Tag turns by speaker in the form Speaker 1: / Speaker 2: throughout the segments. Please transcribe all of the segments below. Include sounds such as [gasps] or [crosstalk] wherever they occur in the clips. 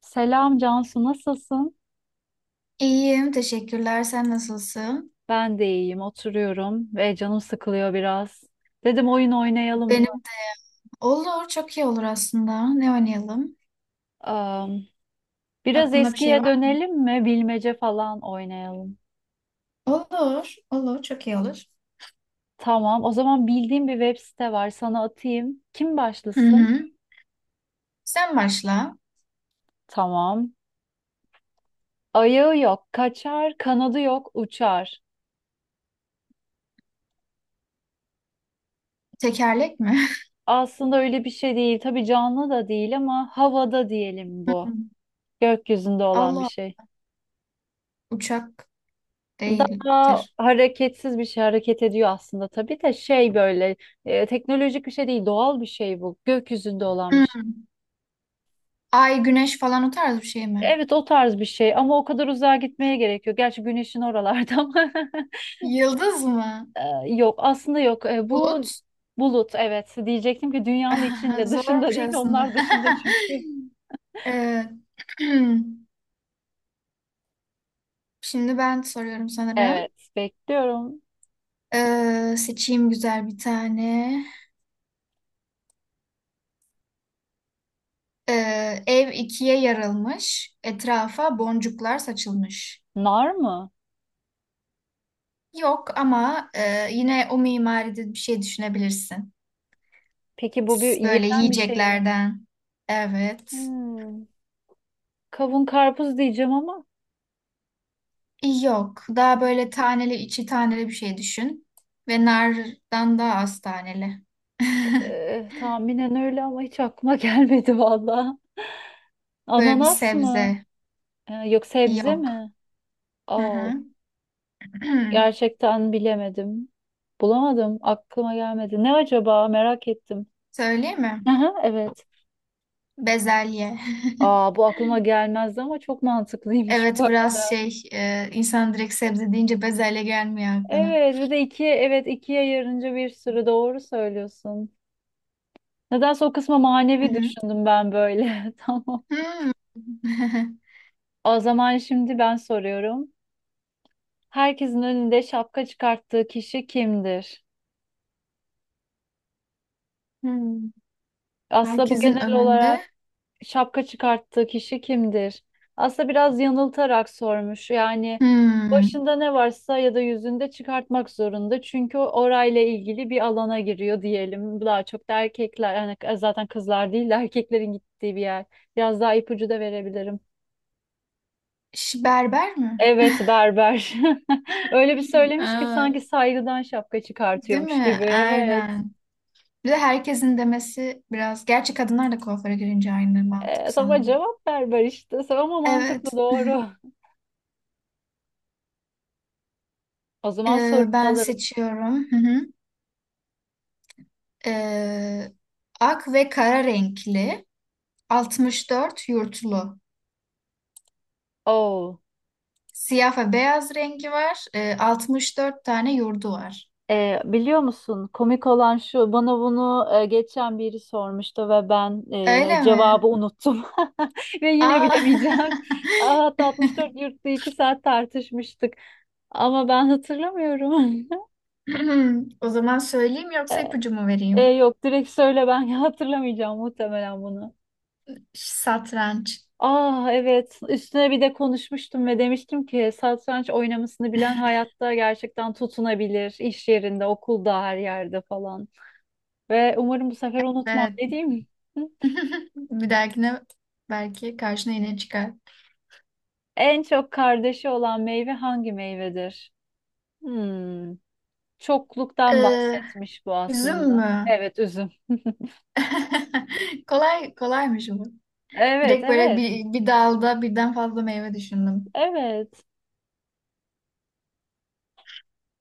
Speaker 1: Selam Cansu, nasılsın?
Speaker 2: İyiyim, teşekkürler. Sen nasılsın?
Speaker 1: Ben de iyiyim, oturuyorum ve canım sıkılıyor biraz. Dedim oyun oynayalım mı?
Speaker 2: Benim de. Olur, çok iyi olur aslında. Ne oynayalım?
Speaker 1: Am, biraz
Speaker 2: Aklında bir şey
Speaker 1: eskiye
Speaker 2: var
Speaker 1: dönelim mi? Bilmece falan oynayalım.
Speaker 2: mı? Olur, çok iyi olur.
Speaker 1: Tamam, o zaman bildiğim bir web site var, sana atayım. Kim
Speaker 2: Hı
Speaker 1: başlasın?
Speaker 2: hı. Sen başla.
Speaker 1: Tamam. Ayağı yok, kaçar, kanadı yok, uçar.
Speaker 2: Tekerlek mi? [laughs]
Speaker 1: Aslında öyle bir şey değil. Tabii canlı da değil ama havada diyelim
Speaker 2: Hı hı.
Speaker 1: bu. Gökyüzünde olan bir
Speaker 2: Allah,
Speaker 1: şey.
Speaker 2: uçak
Speaker 1: Daha
Speaker 2: değildir.
Speaker 1: hareketsiz bir şey hareket ediyor aslında tabii de şey böyle teknolojik bir şey değil, doğal bir şey, bu gökyüzünde olan bir
Speaker 2: Hı.
Speaker 1: şey.
Speaker 2: Ay, güneş falan o tarz bir şey mi?
Speaker 1: Evet, o tarz bir şey ama o kadar uzağa gitmeye gerekiyor. Gerçi güneşin oralarda ama
Speaker 2: Yıldız mı?
Speaker 1: [laughs] e, yok aslında, yok. Bu
Speaker 2: Bulut?
Speaker 1: bulut, evet, diyecektim ki dünyanın
Speaker 2: [laughs]
Speaker 1: içinde, dışında
Speaker 2: Zormuş
Speaker 1: değil,
Speaker 2: aslında.
Speaker 1: onlar dışında
Speaker 2: [laughs]
Speaker 1: çünkü.
Speaker 2: Ee, [clears throat] şimdi ben soruyorum sanırım.
Speaker 1: Evet, bekliyorum.
Speaker 2: Seçeyim güzel bir tane. Ev ikiye yarılmış, etrafa boncuklar saçılmış.
Speaker 1: Nar mı?
Speaker 2: Yok ama yine o mimaride bir şey düşünebilirsin.
Speaker 1: Peki bu bir
Speaker 2: Böyle
Speaker 1: yenen bir şey mi?
Speaker 2: yiyeceklerden. Evet.
Speaker 1: Hmm, kavun karpuz diyeceğim ama.
Speaker 2: Yok. Daha böyle taneli, içi taneli bir şey düşün. Ve nardan daha az taneli. [laughs]
Speaker 1: Tahminen öyle ama hiç aklıma [laughs] gelmedi valla.
Speaker 2: Böyle bir
Speaker 1: Ananas mı?
Speaker 2: sebze.
Speaker 1: Yok, sebze
Speaker 2: Yok.
Speaker 1: mi?
Speaker 2: Hı
Speaker 1: Oo,
Speaker 2: hı. [clears throat]
Speaker 1: gerçekten bilemedim. Bulamadım. Aklıma gelmedi. Ne acaba? Merak ettim.
Speaker 2: Söyleyeyim mi?
Speaker 1: Aha, evet.
Speaker 2: Bezelye. [laughs]
Speaker 1: Aa, bu aklıma gelmezdi ama çok mantıklıymış bu
Speaker 2: Evet biraz
Speaker 1: arada.
Speaker 2: şey insan direkt sebze deyince bezelye gelmiyor aklına.
Speaker 1: Evet, bir de iki, evet, ikiye yarınca bir sürü, doğru söylüyorsun. Nedense o kısma
Speaker 2: Hı
Speaker 1: manevi
Speaker 2: hı.
Speaker 1: düşündüm ben böyle. [laughs] Tamam.
Speaker 2: Hmm. [laughs]
Speaker 1: O zaman şimdi ben soruyorum. Herkesin önünde şapka çıkarttığı kişi kimdir?
Speaker 2: Hmm.
Speaker 1: Aslında bu
Speaker 2: Herkesin
Speaker 1: genel
Speaker 2: önünde.
Speaker 1: olarak şapka çıkarttığı kişi kimdir? Aslında biraz yanıltarak sormuş. Yani
Speaker 2: Hmm.
Speaker 1: başında ne varsa ya da yüzünde çıkartmak zorunda. Çünkü o orayla ilgili bir alana giriyor diyelim. Daha çok da erkekler, hani zaten kızlar değil de erkeklerin gittiği bir yer. Biraz daha ipucu da verebilirim.
Speaker 2: Berber mi?
Speaker 1: Evet, berber. [laughs]
Speaker 2: [gasps]
Speaker 1: Öyle bir
Speaker 2: [laughs]
Speaker 1: söylemiş ki
Speaker 2: Aa,
Speaker 1: sanki saygıdan şapka
Speaker 2: değil
Speaker 1: çıkartıyormuş
Speaker 2: mi?
Speaker 1: gibi. Evet.
Speaker 2: Aynen. Bir de herkesin demesi biraz. Gerçi kadınlar da kuaföre girince aynı mantık
Speaker 1: Ama
Speaker 2: sanırım.
Speaker 1: cevap ver ver işte. Ama mantıklı,
Speaker 2: Evet.
Speaker 1: doğru. [laughs] O zaman sorumu
Speaker 2: Ben
Speaker 1: alırım.
Speaker 2: seçiyorum. Hı hı. Ee, Ak ve kara renkli. 64 yurtlu.
Speaker 1: Oo.
Speaker 2: Siyah ve beyaz rengi var. 64 tane yurdu var.
Speaker 1: Biliyor musun komik olan şu, bana bunu geçen biri sormuştu ve ben
Speaker 2: Öyle
Speaker 1: cevabı
Speaker 2: mi?
Speaker 1: unuttum [laughs] ve yine
Speaker 2: Aa.
Speaker 1: bilemeyeceğim.
Speaker 2: [laughs]
Speaker 1: Aa, hatta 64 yurtta 2 saat tartışmıştık ama ben hatırlamıyorum. [laughs]
Speaker 2: O zaman söyleyeyim
Speaker 1: Ee,
Speaker 2: yoksa ipucu mu
Speaker 1: e,
Speaker 2: vereyim?
Speaker 1: yok direkt söyle, ben [laughs] hatırlamayacağım muhtemelen bunu.
Speaker 2: Satranç.
Speaker 1: Ah evet, üstüne bir de konuşmuştum ve demiştim ki satranç oynamasını bilen hayatta gerçekten tutunabilir, iş yerinde, okulda, her yerde falan ve umarım bu sefer unutmam,
Speaker 2: Evet.
Speaker 1: ne diyeyim. [laughs] Hı?
Speaker 2: [laughs] Bir dahakine belki karşına yine çıkar.
Speaker 1: En çok kardeşi olan meyve hangi meyvedir? Hmm, çokluktan
Speaker 2: Ee,
Speaker 1: bahsetmiş bu
Speaker 2: Üzüm
Speaker 1: aslında.
Speaker 2: mü?
Speaker 1: Evet, üzüm.
Speaker 2: [laughs] Kolay kolaymış bu.
Speaker 1: Evet,
Speaker 2: Direkt böyle
Speaker 1: evet,
Speaker 2: bir dalda birden fazla meyve düşündüm.
Speaker 1: evet,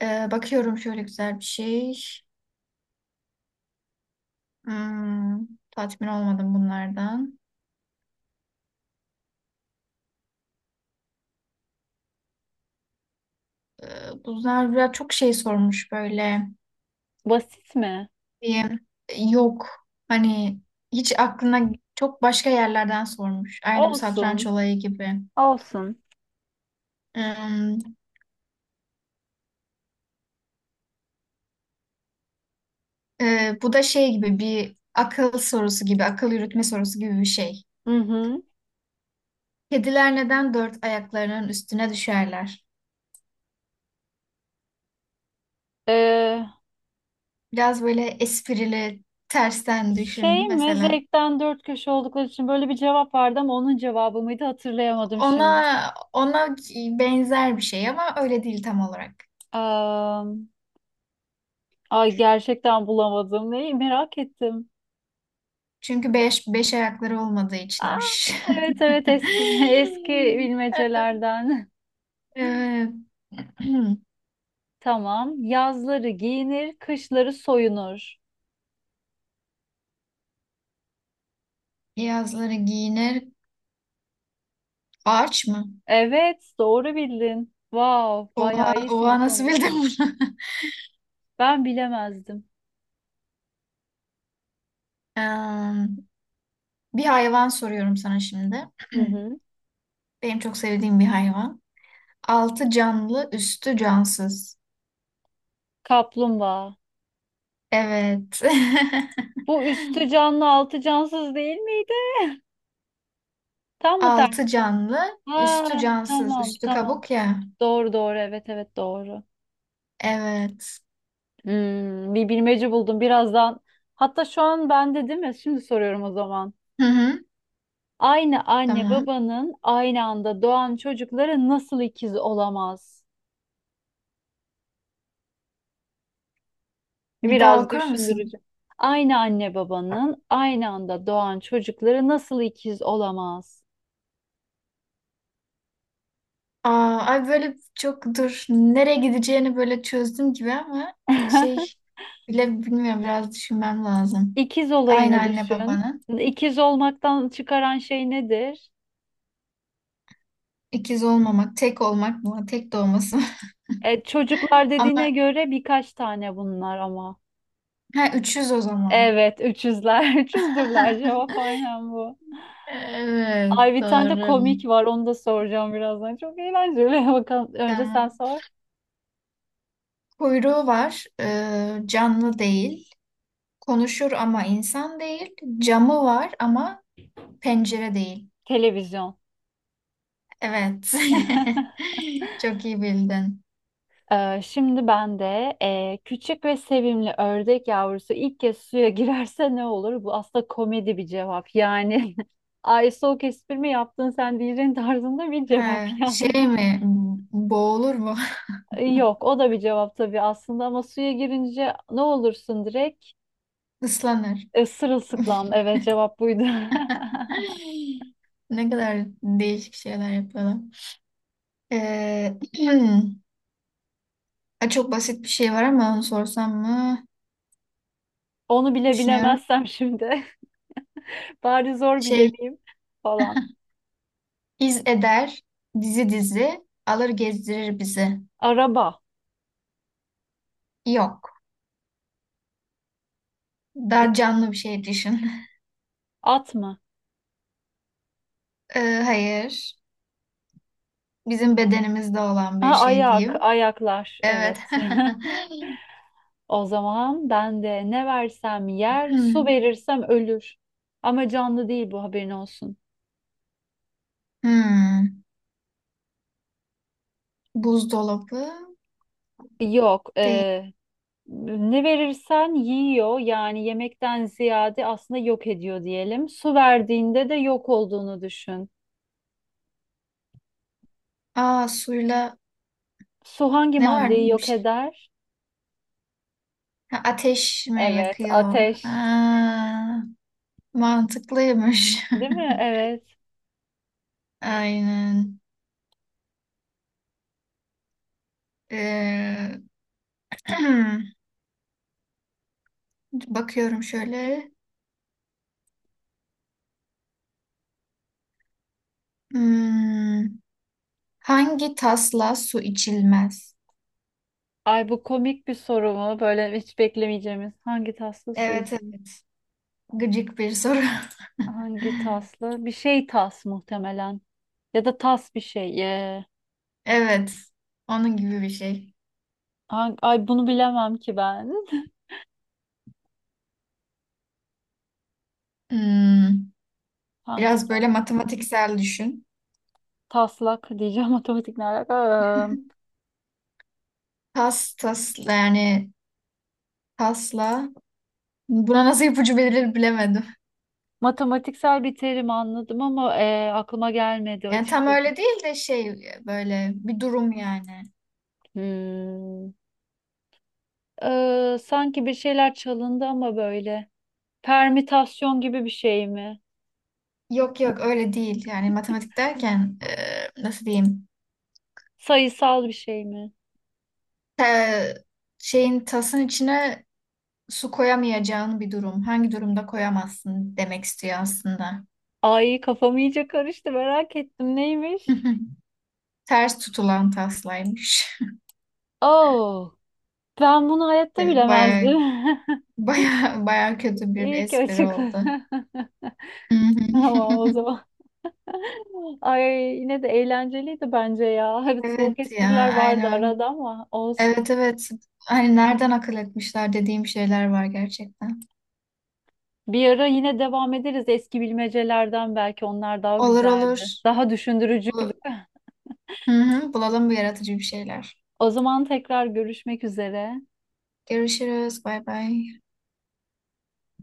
Speaker 2: Bakıyorum şöyle güzel bir şey. Hmm, tatmin olmadım bunlardan. e, Bu Zerra çok şey sormuş böyle
Speaker 1: basit mi?
Speaker 2: diye yok hani hiç aklına çok başka yerlerden sormuş. Aynı bu satranç
Speaker 1: Olsun
Speaker 2: olayı gibi.
Speaker 1: olsun.
Speaker 2: Hmm, bu da şey gibi bir akıl sorusu gibi, akıl yürütme sorusu gibi bir şey.
Speaker 1: Hı hı.
Speaker 2: Kediler neden dört ayaklarının üstüne düşerler?
Speaker 1: Ee,
Speaker 2: Biraz böyle esprili, tersten düşün
Speaker 1: şey mi,
Speaker 2: mesela.
Speaker 1: zevkten dört köşe oldukları için, böyle bir cevap vardı ama onun cevabı mıydı, hatırlayamadım şimdi.
Speaker 2: Ona benzer bir şey ama öyle değil tam olarak.
Speaker 1: Am, ay gerçekten bulamadım. Neyi, merak ettim.
Speaker 2: Çünkü beş ayakları olmadığı
Speaker 1: Aa,
Speaker 2: içinmiş.
Speaker 1: evet,
Speaker 2: [laughs]
Speaker 1: evet, eski [laughs] eski bilmecelerden.
Speaker 2: Evet. [clears throat]
Speaker 1: [laughs] Tamam. Yazları giyinir, kışları soyunur.
Speaker 2: Yazları giyinir. Ağaç mı?
Speaker 1: Evet, doğru bildin. Wow,
Speaker 2: Oha,
Speaker 1: bayağı iyisin bu
Speaker 2: oha nasıl
Speaker 1: konuda.
Speaker 2: bildin bunu? [laughs]
Speaker 1: Ben bilemezdim.
Speaker 2: Em, Bir hayvan soruyorum sana şimdi.
Speaker 1: Hı
Speaker 2: [clears throat]
Speaker 1: hı.
Speaker 2: Benim çok sevdiğim bir hayvan. Altı canlı, üstü cansız.
Speaker 1: Kaplumbağa.
Speaker 2: Evet. [laughs]
Speaker 1: Bu üstü canlı, altı cansız değil miydi? Tam mı?
Speaker 2: Altı canlı, üstü
Speaker 1: Ha,
Speaker 2: cansız.
Speaker 1: tamam
Speaker 2: Üstü
Speaker 1: tamam.
Speaker 2: kabuk ya.
Speaker 1: Doğru doğru, evet evet, doğru.
Speaker 2: Evet.
Speaker 1: Bir bilmece buldum birazdan. Hatta şu an bende değil mi? Şimdi soruyorum o zaman.
Speaker 2: Hı hı.
Speaker 1: Aynı anne
Speaker 2: Tamam.
Speaker 1: babanın aynı anda doğan çocukları nasıl ikiz olamaz?
Speaker 2: Bir daha
Speaker 1: Biraz
Speaker 2: okur musun?
Speaker 1: düşündürücü. Aynı anne babanın aynı anda doğan çocukları nasıl ikiz olamaz?
Speaker 2: Aa, ay böyle çok dur nereye gideceğini böyle çözdüm gibi ama şey
Speaker 1: [laughs]
Speaker 2: bile bilmiyorum biraz düşünmem lazım.
Speaker 1: İkiz
Speaker 2: Aynı
Speaker 1: olayını
Speaker 2: anne
Speaker 1: düşün.
Speaker 2: babanın
Speaker 1: İkiz olmaktan çıkaran şey nedir?
Speaker 2: ikiz olmamak, tek olmak mı, tek doğması mı?
Speaker 1: Çocuklar
Speaker 2: [laughs]
Speaker 1: dediğine
Speaker 2: Ama
Speaker 1: göre birkaç tane bunlar ama.
Speaker 2: ha üçüz o zaman.
Speaker 1: Evet, 300'ler. 300'dürler, [laughs] cevap
Speaker 2: [laughs]
Speaker 1: aynen bu.
Speaker 2: Evet
Speaker 1: Ay, bir tane de
Speaker 2: doğru.
Speaker 1: komik var, onu da soracağım birazdan. Çok eğlenceli. [laughs] Bakalım, önce sen
Speaker 2: Tamam.
Speaker 1: sor.
Speaker 2: Kuyruğu var, canlı değil. Konuşur ama insan değil. Camı var ama pencere değil.
Speaker 1: Televizyon.
Speaker 2: Evet.
Speaker 1: [laughs]
Speaker 2: [laughs] Çok iyi bildin.
Speaker 1: Şimdi ben de küçük ve sevimli ördek yavrusu ilk kez suya girerse ne olur? Bu aslında komedi bir cevap. Yani [laughs] ay, soğuk espri mi yaptın sen, diyeceğin tarzında bir cevap
Speaker 2: Ha,
Speaker 1: yani.
Speaker 2: şey
Speaker 1: [laughs]
Speaker 2: mi? Boğulur mu?
Speaker 1: Yok, o da bir cevap tabii aslında ama suya girince ne olursun, direkt
Speaker 2: [laughs] Islanır. [laughs]
Speaker 1: sırılsıklam. Evet, cevap buydu.
Speaker 2: Ay, ne kadar değişik şeyler yapıyorlar. Ee, [clears throat] ha, çok basit bir şey var ama onu sorsam mı?
Speaker 1: [laughs] Onu bile
Speaker 2: Düşünüyorum.
Speaker 1: bilemezsem şimdi, [laughs] bari zor
Speaker 2: Şey,
Speaker 1: bilemeyeyim falan.
Speaker 2: iz eder, dizi dizi, alır gezdirir bizi.
Speaker 1: Araba,
Speaker 2: Yok. Daha canlı bir şey düşün. [laughs]
Speaker 1: at mı?
Speaker 2: Hayır. Bizim bedenimizde olan bir
Speaker 1: Ha,
Speaker 2: şey
Speaker 1: ayak,
Speaker 2: diyeyim.
Speaker 1: ayaklar.
Speaker 2: Evet.
Speaker 1: Evet. [laughs]
Speaker 2: [laughs]
Speaker 1: O zaman ben de, ne versem yer, su
Speaker 2: Hmm.
Speaker 1: verirsem ölür. Ama canlı değil, bu haberin olsun.
Speaker 2: Hmm. Buzdolabı
Speaker 1: Yok.
Speaker 2: değil.
Speaker 1: Ne verirsen yiyor, yani yemekten ziyade aslında yok ediyor diyelim. Su verdiğinde de yok olduğunu düşün.
Speaker 2: Aa suyla
Speaker 1: Su hangi
Speaker 2: ne vardı
Speaker 1: maddeyi
Speaker 2: bir
Speaker 1: yok
Speaker 2: şey?
Speaker 1: eder?
Speaker 2: Ha, ateş mi
Speaker 1: Evet,
Speaker 2: yakıyor?
Speaker 1: ateş.
Speaker 2: Aa, mantıklıymış.
Speaker 1: Değil mi? Evet.
Speaker 2: [laughs] Aynen. Ee, [clears throat] bakıyorum şöyle. Hmm, hangi tasla su içilmez?
Speaker 1: Ay, bu komik bir soru mu? Böyle hiç beklemeyeceğimiz. Hangi taslı su
Speaker 2: Evet,
Speaker 1: için?
Speaker 2: evet. Gıcık bir soru. [laughs]
Speaker 1: Hangi taslı? Bir şey tas muhtemelen. Ya da tas bir şey.
Speaker 2: Evet. Onun gibi bir şey.
Speaker 1: Ay, bunu bilemem ki ben. [laughs]
Speaker 2: Hmm,
Speaker 1: Hangi
Speaker 2: biraz
Speaker 1: tas?
Speaker 2: böyle matematiksel düşün.
Speaker 1: Taslak diyeceğim, [laughs] matematik ne alaka?
Speaker 2: [laughs] Tas tas yani tasla. Buna nasıl ipucu verilir bilemedim.
Speaker 1: Matematiksel bir terim anladım ama aklıma gelmedi
Speaker 2: Yani tam
Speaker 1: açıkçası.
Speaker 2: öyle değil de şey böyle bir durum yani.
Speaker 1: Hmm. Sanki bir şeyler çalındı ama böyle. Permütasyon gibi bir şey mi?
Speaker 2: Yok yok öyle değil. Yani matematik derken nasıl diyeyim?
Speaker 1: Sayısal bir şey mi?
Speaker 2: Te- Şeyin tasın içine su koyamayacağın bir durum. Hangi durumda koyamazsın demek istiyor aslında.
Speaker 1: Ay, kafam iyice karıştı, merak ettim, neymiş?
Speaker 2: [laughs] Ters tutulan taslaymış.
Speaker 1: Oh, ben bunu hayatta
Speaker 2: [laughs] Baya
Speaker 1: bilemezdim.
Speaker 2: baya baya kötü
Speaker 1: [laughs]
Speaker 2: bir
Speaker 1: İyi ki
Speaker 2: espri
Speaker 1: açıkladın.
Speaker 2: oldu.
Speaker 1: [laughs] Tamam o
Speaker 2: [laughs]
Speaker 1: zaman. [laughs] Ay, yine de eğlenceliydi bence ya. Hadi soğuk
Speaker 2: Evet ya
Speaker 1: espriler vardı arada
Speaker 2: aynen.
Speaker 1: ama olsun.
Speaker 2: Evet evet. Hani nereden akıl etmişler dediğim şeyler var gerçekten.
Speaker 1: Bir ara yine devam ederiz eski bilmecelerden, belki onlar daha
Speaker 2: Olur
Speaker 1: güzeldi.
Speaker 2: olur.
Speaker 1: Daha düşündürücüydü.
Speaker 2: Bu- Hı hı, bulalım bu yaratıcı bir şeyler.
Speaker 1: O zaman tekrar görüşmek üzere.
Speaker 2: Görüşürüz. Bay bay.